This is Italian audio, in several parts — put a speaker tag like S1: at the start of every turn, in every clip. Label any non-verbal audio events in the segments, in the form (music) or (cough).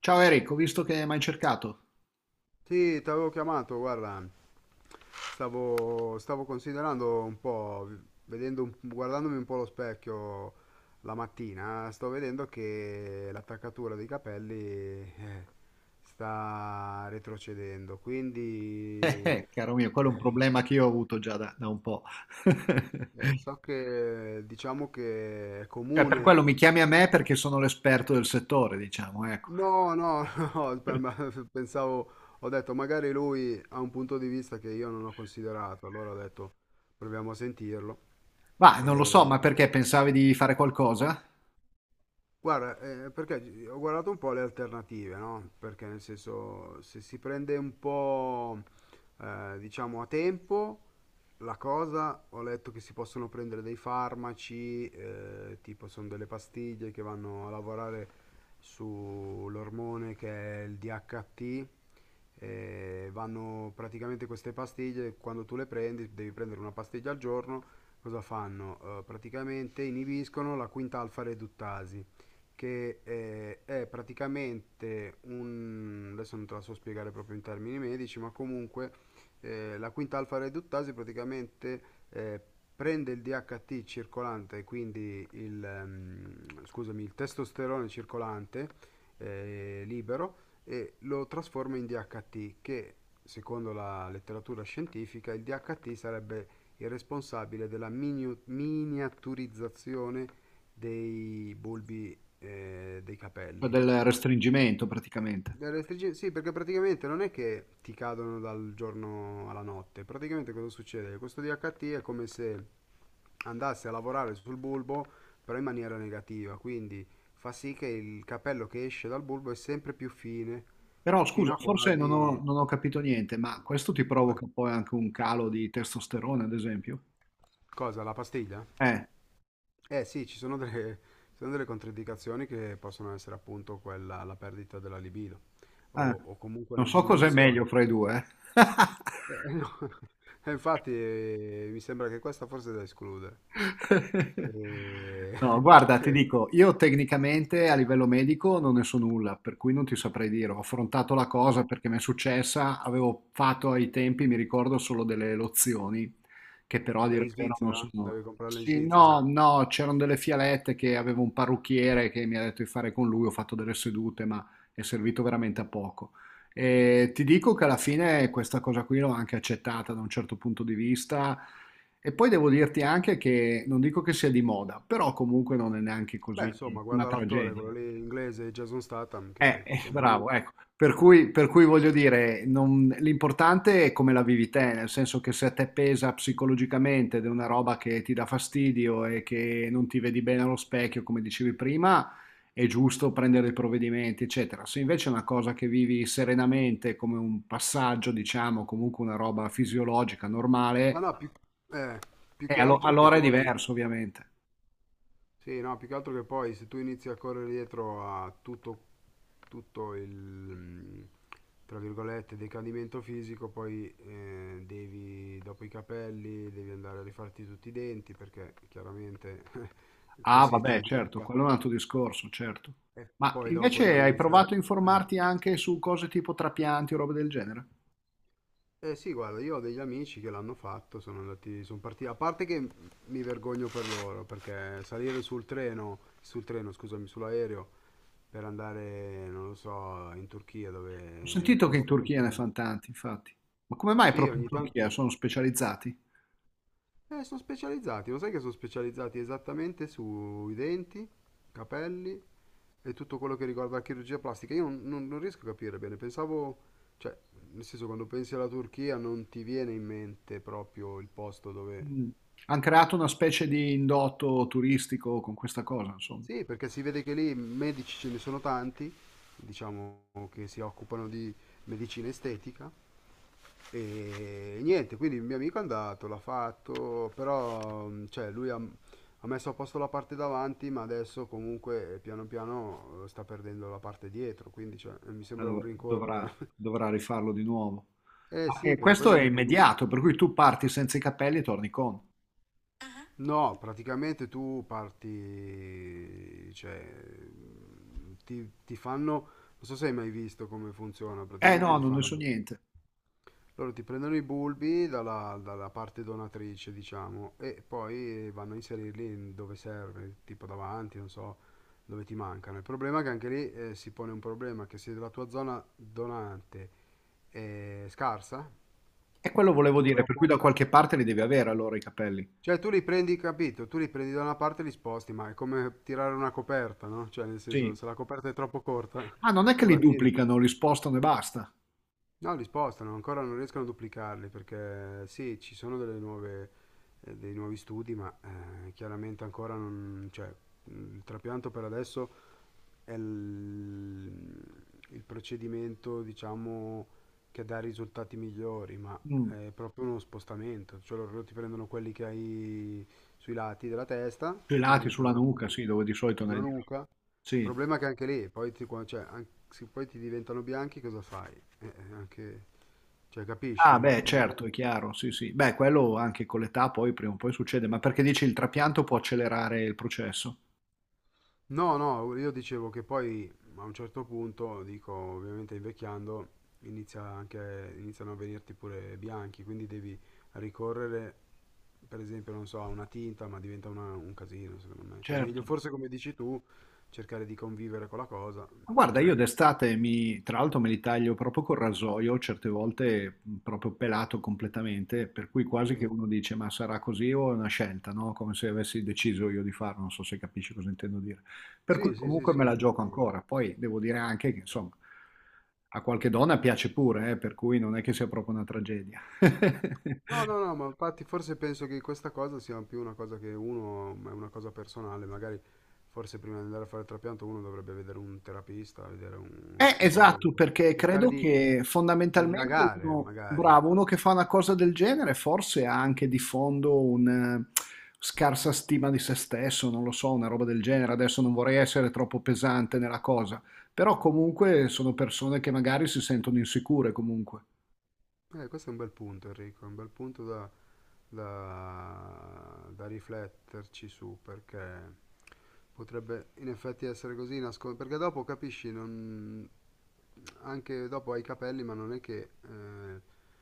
S1: Ciao Eric, ho visto che mi hai cercato. (laughs)
S2: Sì, ti avevo chiamato, guarda, stavo considerando un po', vedendo, guardandomi un po' allo specchio la mattina, sto vedendo che l'attaccatura dei capelli sta retrocedendo, quindi
S1: Caro mio, quello è un
S2: eh,
S1: problema che io ho avuto già da un po'. (laughs)
S2: so che diciamo che è
S1: Cioè, per quello
S2: comune.
S1: mi chiami a me perché sono l'esperto del settore, diciamo, ecco.
S2: No, no, (laughs) no, pensavo, ho detto magari lui ha un punto di vista che io non ho considerato, allora ho detto proviamo a sentirlo.
S1: Ma non lo so,
S2: E,
S1: ma perché pensavi di fare qualcosa?
S2: guarda, perché ho guardato un po' le alternative, no? Perché nel senso, se si prende un po', diciamo, a tempo, la cosa, ho letto che si possono prendere dei farmaci, tipo sono delle pastiglie che vanno a lavorare sull'ormone che è il DHT, e vanno praticamente queste pastiglie, quando tu le prendi, devi prendere una pastiglia al giorno, cosa fanno? Praticamente inibiscono la quinta alfa reduttasi, che è praticamente un. Adesso non te la so spiegare proprio in termini medici, ma comunque la quinta alfa reduttasi praticamente eh, prende il DHT circolante, quindi il, scusami, il testosterone circolante libero e lo trasforma in DHT che secondo la letteratura scientifica il DHT sarebbe il responsabile della miniaturizzazione dei bulbi dei
S1: Cioè,
S2: capelli.
S1: del restringimento praticamente.
S2: L'elettricità, sì, perché praticamente non è che ti cadono dal giorno alla notte, praticamente cosa succede? Questo DHT è come se andasse a lavorare sul bulbo, però in maniera negativa, quindi fa sì che il capello che esce dal bulbo è sempre più fine,
S1: Però
S2: fino
S1: scusa,
S2: a
S1: forse non ho,
S2: quasi.
S1: non ho capito niente, ma questo ti
S2: Beh,
S1: provoca poi anche un calo di testosterone, ad esempio?
S2: cosa? La pastiglia?
S1: Eh,
S2: Eh sì, ci sono delle controindicazioni che possono essere appunto quella, la perdita della libido,
S1: eh,
S2: o comunque
S1: non
S2: una
S1: so cos'è meglio
S2: diminuzione.
S1: fra i due. eh.
S2: No. (laughs) E infatti,
S1: (laughs)
S2: mi sembra che questa forse è da escludere.
S1: (laughs)
S2: E...
S1: No, guarda, ti
S2: (laughs)
S1: dico, io tecnicamente a livello medico non ne so nulla, per cui non ti saprei dire. Ho affrontato la cosa perché mi è successa, avevo fatto ai tempi, mi ricordo, solo delle lozioni, che però a dire
S2: Quella in
S1: il vero non
S2: Svizzera?
S1: sono...
S2: Devi comprarla in
S1: Sì,
S2: Svizzera?
S1: no, no, c'erano delle fialette che avevo un parrucchiere che mi ha detto di fare con lui, ho fatto delle sedute, ma è servito veramente a poco. E ti dico che alla fine questa cosa qui l'ho anche accettata da un certo punto di vista e poi devo dirti anche che non dico che sia di moda, però comunque non è neanche
S2: Beh,
S1: così
S2: insomma,
S1: una
S2: guarda l'attore, quello
S1: tragedia.
S2: lì inglese, Jason Statham, che insomma.
S1: Bravo, ecco. Per cui voglio dire, l'importante è come la vivi te, nel senso che se a te pesa psicologicamente ed è una roba che ti dà fastidio e che non ti vedi bene allo specchio, come dicevi prima, è giusto prendere i provvedimenti, eccetera. Se invece è una cosa che vivi serenamente, come un passaggio, diciamo, comunque una roba fisiologica,
S2: Ma
S1: normale,
S2: no, eh, più che altro che
S1: allora è
S2: poi.
S1: diverso, ovviamente.
S2: Sì, no, più che altro che poi se tu inizi a correre dietro a tutto il tra virgolette decadimento fisico, poi devi dopo i capelli devi andare a rifarti tutti i denti perché chiaramente (laughs)
S1: Ah,
S2: così
S1: vabbè,
S2: ti
S1: certo,
S2: rifa
S1: quello è un altro discorso, certo.
S2: e
S1: Ma
S2: poi dopo
S1: invece
S2: devi
S1: hai
S2: iniziare
S1: provato a
S2: a- eh.
S1: informarti anche su cose tipo trapianti o robe del genere?
S2: Eh sì, guarda, io ho degli amici che l'hanno fatto, sono andati, sono partiti, a parte che mi vergogno per loro, perché salire sul treno, scusami, sull'aereo, per andare, non lo so, in Turchia, dove
S1: Ho
S2: è il
S1: sentito che in
S2: posto più
S1: Turchia ne
S2: famoso.
S1: fanno tanti, infatti. Ma come mai
S2: Sì,
S1: proprio in
S2: ogni tanto.
S1: Turchia sono specializzati?
S2: Sono specializzati, lo sai che sono specializzati esattamente sui denti, capelli e tutto quello che riguarda la chirurgia plastica. Io non riesco a capire bene, pensavo, cioè, nel senso, quando pensi alla Turchia non ti viene in mente proprio il posto dove.
S1: Mm. Hanno creato una specie di indotto turistico con questa cosa, insomma.
S2: Sì, perché si vede che lì medici ce ne sono tanti, diciamo che si occupano di medicina estetica e niente, quindi il mio amico è andato, l'ha fatto, però cioè, lui ha messo a posto la parte davanti, ma adesso comunque piano piano sta perdendo la parte dietro, quindi cioè, mi sembra un
S1: Dovrà,
S2: rincorrere. (laughs)
S1: dovrà rifarlo di nuovo.
S2: Eh
S1: Ma
S2: sì, perché poi
S1: questo è
S2: devi comunque.
S1: immediato, per cui tu parti senza i capelli e torni con.
S2: No, praticamente tu parti, cioè, ti fanno, non so se hai mai visto come funziona,
S1: Eh
S2: praticamente
S1: no,
S2: ti
S1: non ne
S2: fanno,
S1: so niente.
S2: loro ti prendono i bulbi dalla parte donatrice, diciamo, e poi vanno a inserirli in dove serve, tipo davanti, non so, dove ti mancano. Il problema è che anche lì si pone un problema, che se la tua zona donante è scarsa,
S1: E quello volevo
S2: tu
S1: dire, per cui
S2: dopo.
S1: da qualche parte li devi avere allora i capelli.
S2: Cioè tu li prendi, capito? Tu li prendi da una parte e li sposti, ma è come tirare una coperta, no? Cioè nel senso,
S1: Sì.
S2: se la coperta è troppo corta,
S1: Ah, non è
S2: (laughs)
S1: che
S2: tu
S1: li
S2: la tiri.
S1: duplicano, li spostano e basta.
S2: No, li spostano, ancora non riescono a duplicarli, perché sì, ci sono delle nuove, dei nuovi studi, ma chiaramente ancora non. Cioè, il trapianto per adesso è il procedimento, diciamo, che dà risultati migliori, ma
S1: Mm.
S2: è proprio uno spostamento, cioè loro ti prendono quelli che hai sui lati della testa e te li
S1: Pelati sulla
S2: mettono
S1: nuca, sì, dove di solito ne hai
S2: sulla
S1: di più.
S2: nuca. Il
S1: Sì.
S2: problema è che anche lì, poi cioè, se poi ti diventano bianchi, cosa fai? Anche, cioè, capisci?
S1: Ah,
S2: Un-
S1: beh,
S2: un po'.
S1: certo, è chiaro, sì, sì. Beh, quello anche con l'età poi prima o poi succede, ma perché dici il trapianto può accelerare il processo?
S2: No, no, io dicevo che poi a un certo punto, dico, ovviamente invecchiando, iniziano a venirti pure bianchi, quindi devi ricorrere, per esempio, non so, a una tinta, ma diventa un casino, secondo me. Cioè, meglio
S1: Certo.
S2: forse come dici tu, cercare di convivere con la cosa,
S1: Ma
S2: cioè,
S1: guarda, io d'estate mi, tra l'altro me li taglio proprio col rasoio, certe volte proprio pelato completamente, per cui quasi che
S2: sì.
S1: uno dice ma sarà così o è una scelta, no? Come se avessi deciso io di farlo, non so se capisci cosa intendo dire. Per cui
S2: Sì, sì, sì,
S1: comunque me
S2: sì,
S1: la gioco
S2: proprio.
S1: ancora. Poi devo dire anche che insomma a qualche donna piace pure, per cui non è che sia proprio una tragedia.
S2: No, no,
S1: (laughs)
S2: no, ma infatti forse penso che questa cosa sia più una cosa che uno, ma è una cosa personale, magari forse prima di andare a fare il trapianto uno dovrebbe vedere un terapista, vedere uno psicologo,
S1: Esatto,
S2: per
S1: perché
S2: cercare
S1: credo
S2: di,
S1: che
S2: di
S1: fondamentalmente
S2: indagare
S1: uno,
S2: magari.
S1: bravo, uno che fa una cosa del genere forse ha anche di fondo una scarsa stima di se stesso, non lo so, una roba del genere. Adesso non vorrei essere troppo pesante nella cosa, però comunque sono persone che magari si sentono insicure comunque.
S2: Questo è un bel punto Enrico, è un bel punto da rifletterci su, perché potrebbe in effetti essere così, perché dopo capisci, anche dopo hai i capelli, ma non è che. eh,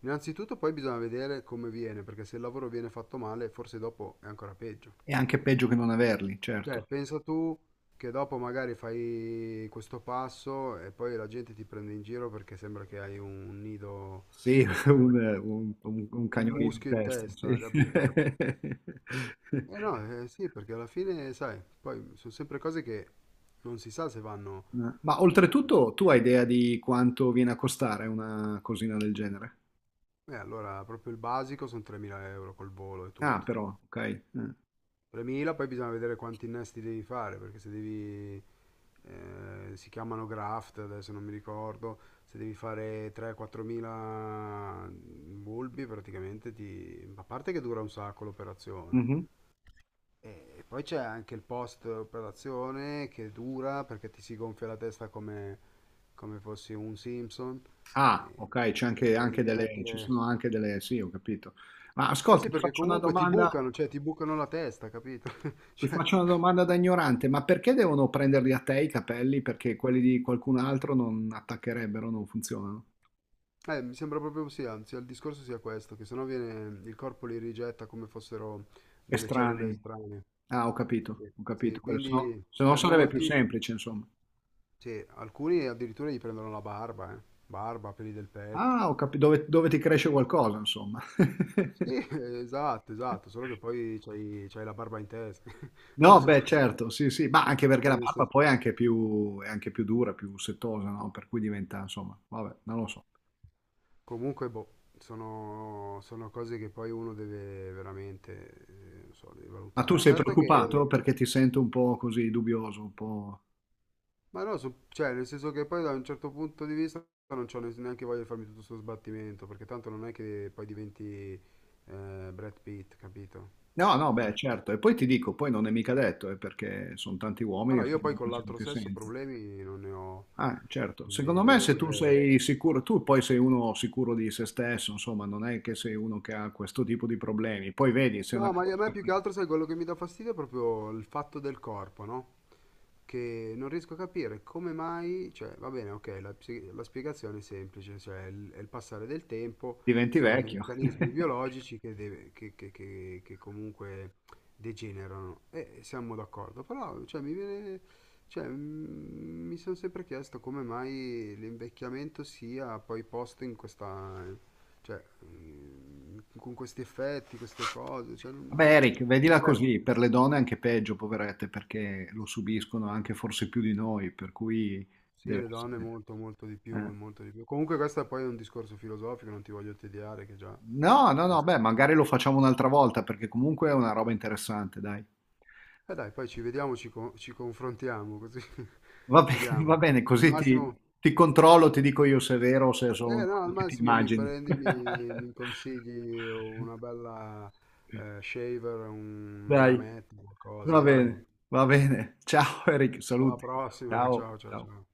S2: innanzitutto poi bisogna vedere come viene, perché se il lavoro viene fatto male, forse dopo è ancora peggio.
S1: È anche peggio che non averli,
S2: Certo.
S1: certo.
S2: Pensa tu che dopo magari fai questo passo e poi la gente ti prende in giro perché sembra che hai un nido,
S1: Sì, (laughs)
S2: o
S1: un, un
S2: un
S1: cagnolino in
S2: muschio in
S1: testa, sì.
S2: testa, capito? Eh
S1: (laughs)
S2: no, eh sì, perché alla fine, sai, poi sono sempre cose che non si sa se vanno.
S1: Ma
S2: Eh,
S1: oltretutto tu hai idea di quanto viene a costare una cosina del genere?
S2: allora, proprio il basico sono 3.000 euro col volo e
S1: Ah,
S2: tutto.
S1: però, ok.
S2: 3.000, poi bisogna vedere quanti innesti devi fare, perché se devi, si chiamano graft, adesso non mi ricordo, se devi fare 3-4000 bulbi praticamente ti. A parte che dura un sacco l'operazione.
S1: Mhm.
S2: E poi c'è anche il post operazione che dura perché ti si gonfia la testa come fossi un Simpson.
S1: Ah,
S2: E
S1: ok, c'è anche, anche
S2: devi
S1: delle, ci
S2: mettere.
S1: sono anche delle, sì, ho capito. Ma
S2: Eh
S1: ascolta,
S2: sì,
S1: ti
S2: perché
S1: faccio una
S2: comunque ti
S1: domanda,
S2: bucano, cioè ti bucano la testa, capito? (laughs)
S1: ti
S2: Cioè,
S1: faccio una domanda da ignorante, ma perché devono prenderli a te i capelli? Perché quelli di qualcun altro non attaccherebbero, non funzionano?
S2: Mi sembra proprio sì, anzi, il discorso sia questo, che sennò viene, il corpo li rigetta come fossero delle cellule
S1: Estranei.
S2: strane.
S1: Ah, ho capito,
S2: Sì,
S1: ho capito.
S2: sì,
S1: Se no
S2: quindi,
S1: se no
S2: cioè,
S1: sarebbe più
S2: molti,
S1: semplice, insomma.
S2: sì, alcuni addirittura gli prendono la barba, eh. Barba, peli del petto.
S1: Ah, ho capi dove dove ti cresce qualcosa insomma.
S2: Sì,
S1: (laughs)
S2: (laughs) esatto, esatto, solo che poi c'hai la barba in testa. (laughs) Non
S1: No,
S2: so,
S1: beh certo, sì, sì, ma anche perché la
S2: cioè,
S1: barba poi è anche più dura, più setosa, no, per cui diventa insomma, vabbè, non lo so.
S2: comunque, boh, sono cose che poi uno deve veramente, non so, deve
S1: Ma tu
S2: valutare.
S1: sei
S2: Certo
S1: preoccupato?
S2: che.
S1: Perché ti sento un po' così dubbioso, un po'.
S2: Ma no, cioè, nel senso che poi da un certo punto di vista non c'ho neanche voglia di farmi tutto questo sbattimento, perché tanto non è che poi diventi Brad Pitt, capito?
S1: No, no, beh
S2: Cioè,
S1: certo. E poi ti dico, poi non è mica detto, perché son tanti
S2: ma
S1: uomini
S2: no,
S1: che
S2: io
S1: stanno
S2: poi con l'altro
S1: anche
S2: sesso
S1: senza.
S2: problemi non ne ho,
S1: Ah, certo.
S2: quindi
S1: Secondo me
S2: devo
S1: se tu
S2: dire.
S1: sei sicuro, tu poi sei uno sicuro di se stesso, insomma, non è che sei uno che ha questo tipo di problemi. Poi vedi, se è una
S2: No, ma a me
S1: cosa
S2: più che
S1: che
S2: altro, sai, quello che mi dà fastidio è proprio il fatto del corpo, no? Che non riesco a capire come mai, cioè, va bene, ok, la spiegazione è semplice, cioè è il passare del tempo,
S1: diventi
S2: sono
S1: vecchio.
S2: meccanismi
S1: (laughs)
S2: biologici che, deve- che comunque degenerano, e siamo d'accordo, però, cioè, mi viene, cioè, mi sono sempre chiesto come mai l'invecchiamento sia poi posto in questa, cioè, con questi effetti, queste cose, cioè,
S1: Vabbè,
S2: non-
S1: Eric, vedila
S2: eh,
S1: così, per le donne è anche peggio, poverette, perché lo subiscono anche forse più di noi, per cui
S2: sì,
S1: deve
S2: le donne
S1: essere...
S2: molto, molto di più,
S1: eh.
S2: molto di più. Comunque questo poi è un discorso filosofico, non ti voglio tediare, che già
S1: No, no,
S2: siamo
S1: no,
S2: st-
S1: beh, magari lo facciamo un'altra volta, perché comunque è una roba interessante, dai.
S2: Dai, poi ci vediamo, ci confrontiamo, così (laughs)
S1: Va
S2: vediamo.
S1: bene,
S2: Al
S1: così ti,
S2: massimo,
S1: ti controllo, ti dico io se è vero o se è solo un
S2: eh no, al
S1: nome che ti
S2: massimo mi
S1: immagini.
S2: prendi, mi
S1: (laughs)
S2: consigli una bella shaver, una
S1: Dai,
S2: lametta, qualcosa,
S1: va
S2: dai.
S1: bene, va bene. Ciao Eric,
S2: Alla
S1: saluti.
S2: prossima,
S1: Ciao,
S2: ciao, ciao,
S1: ciao.
S2: ciao.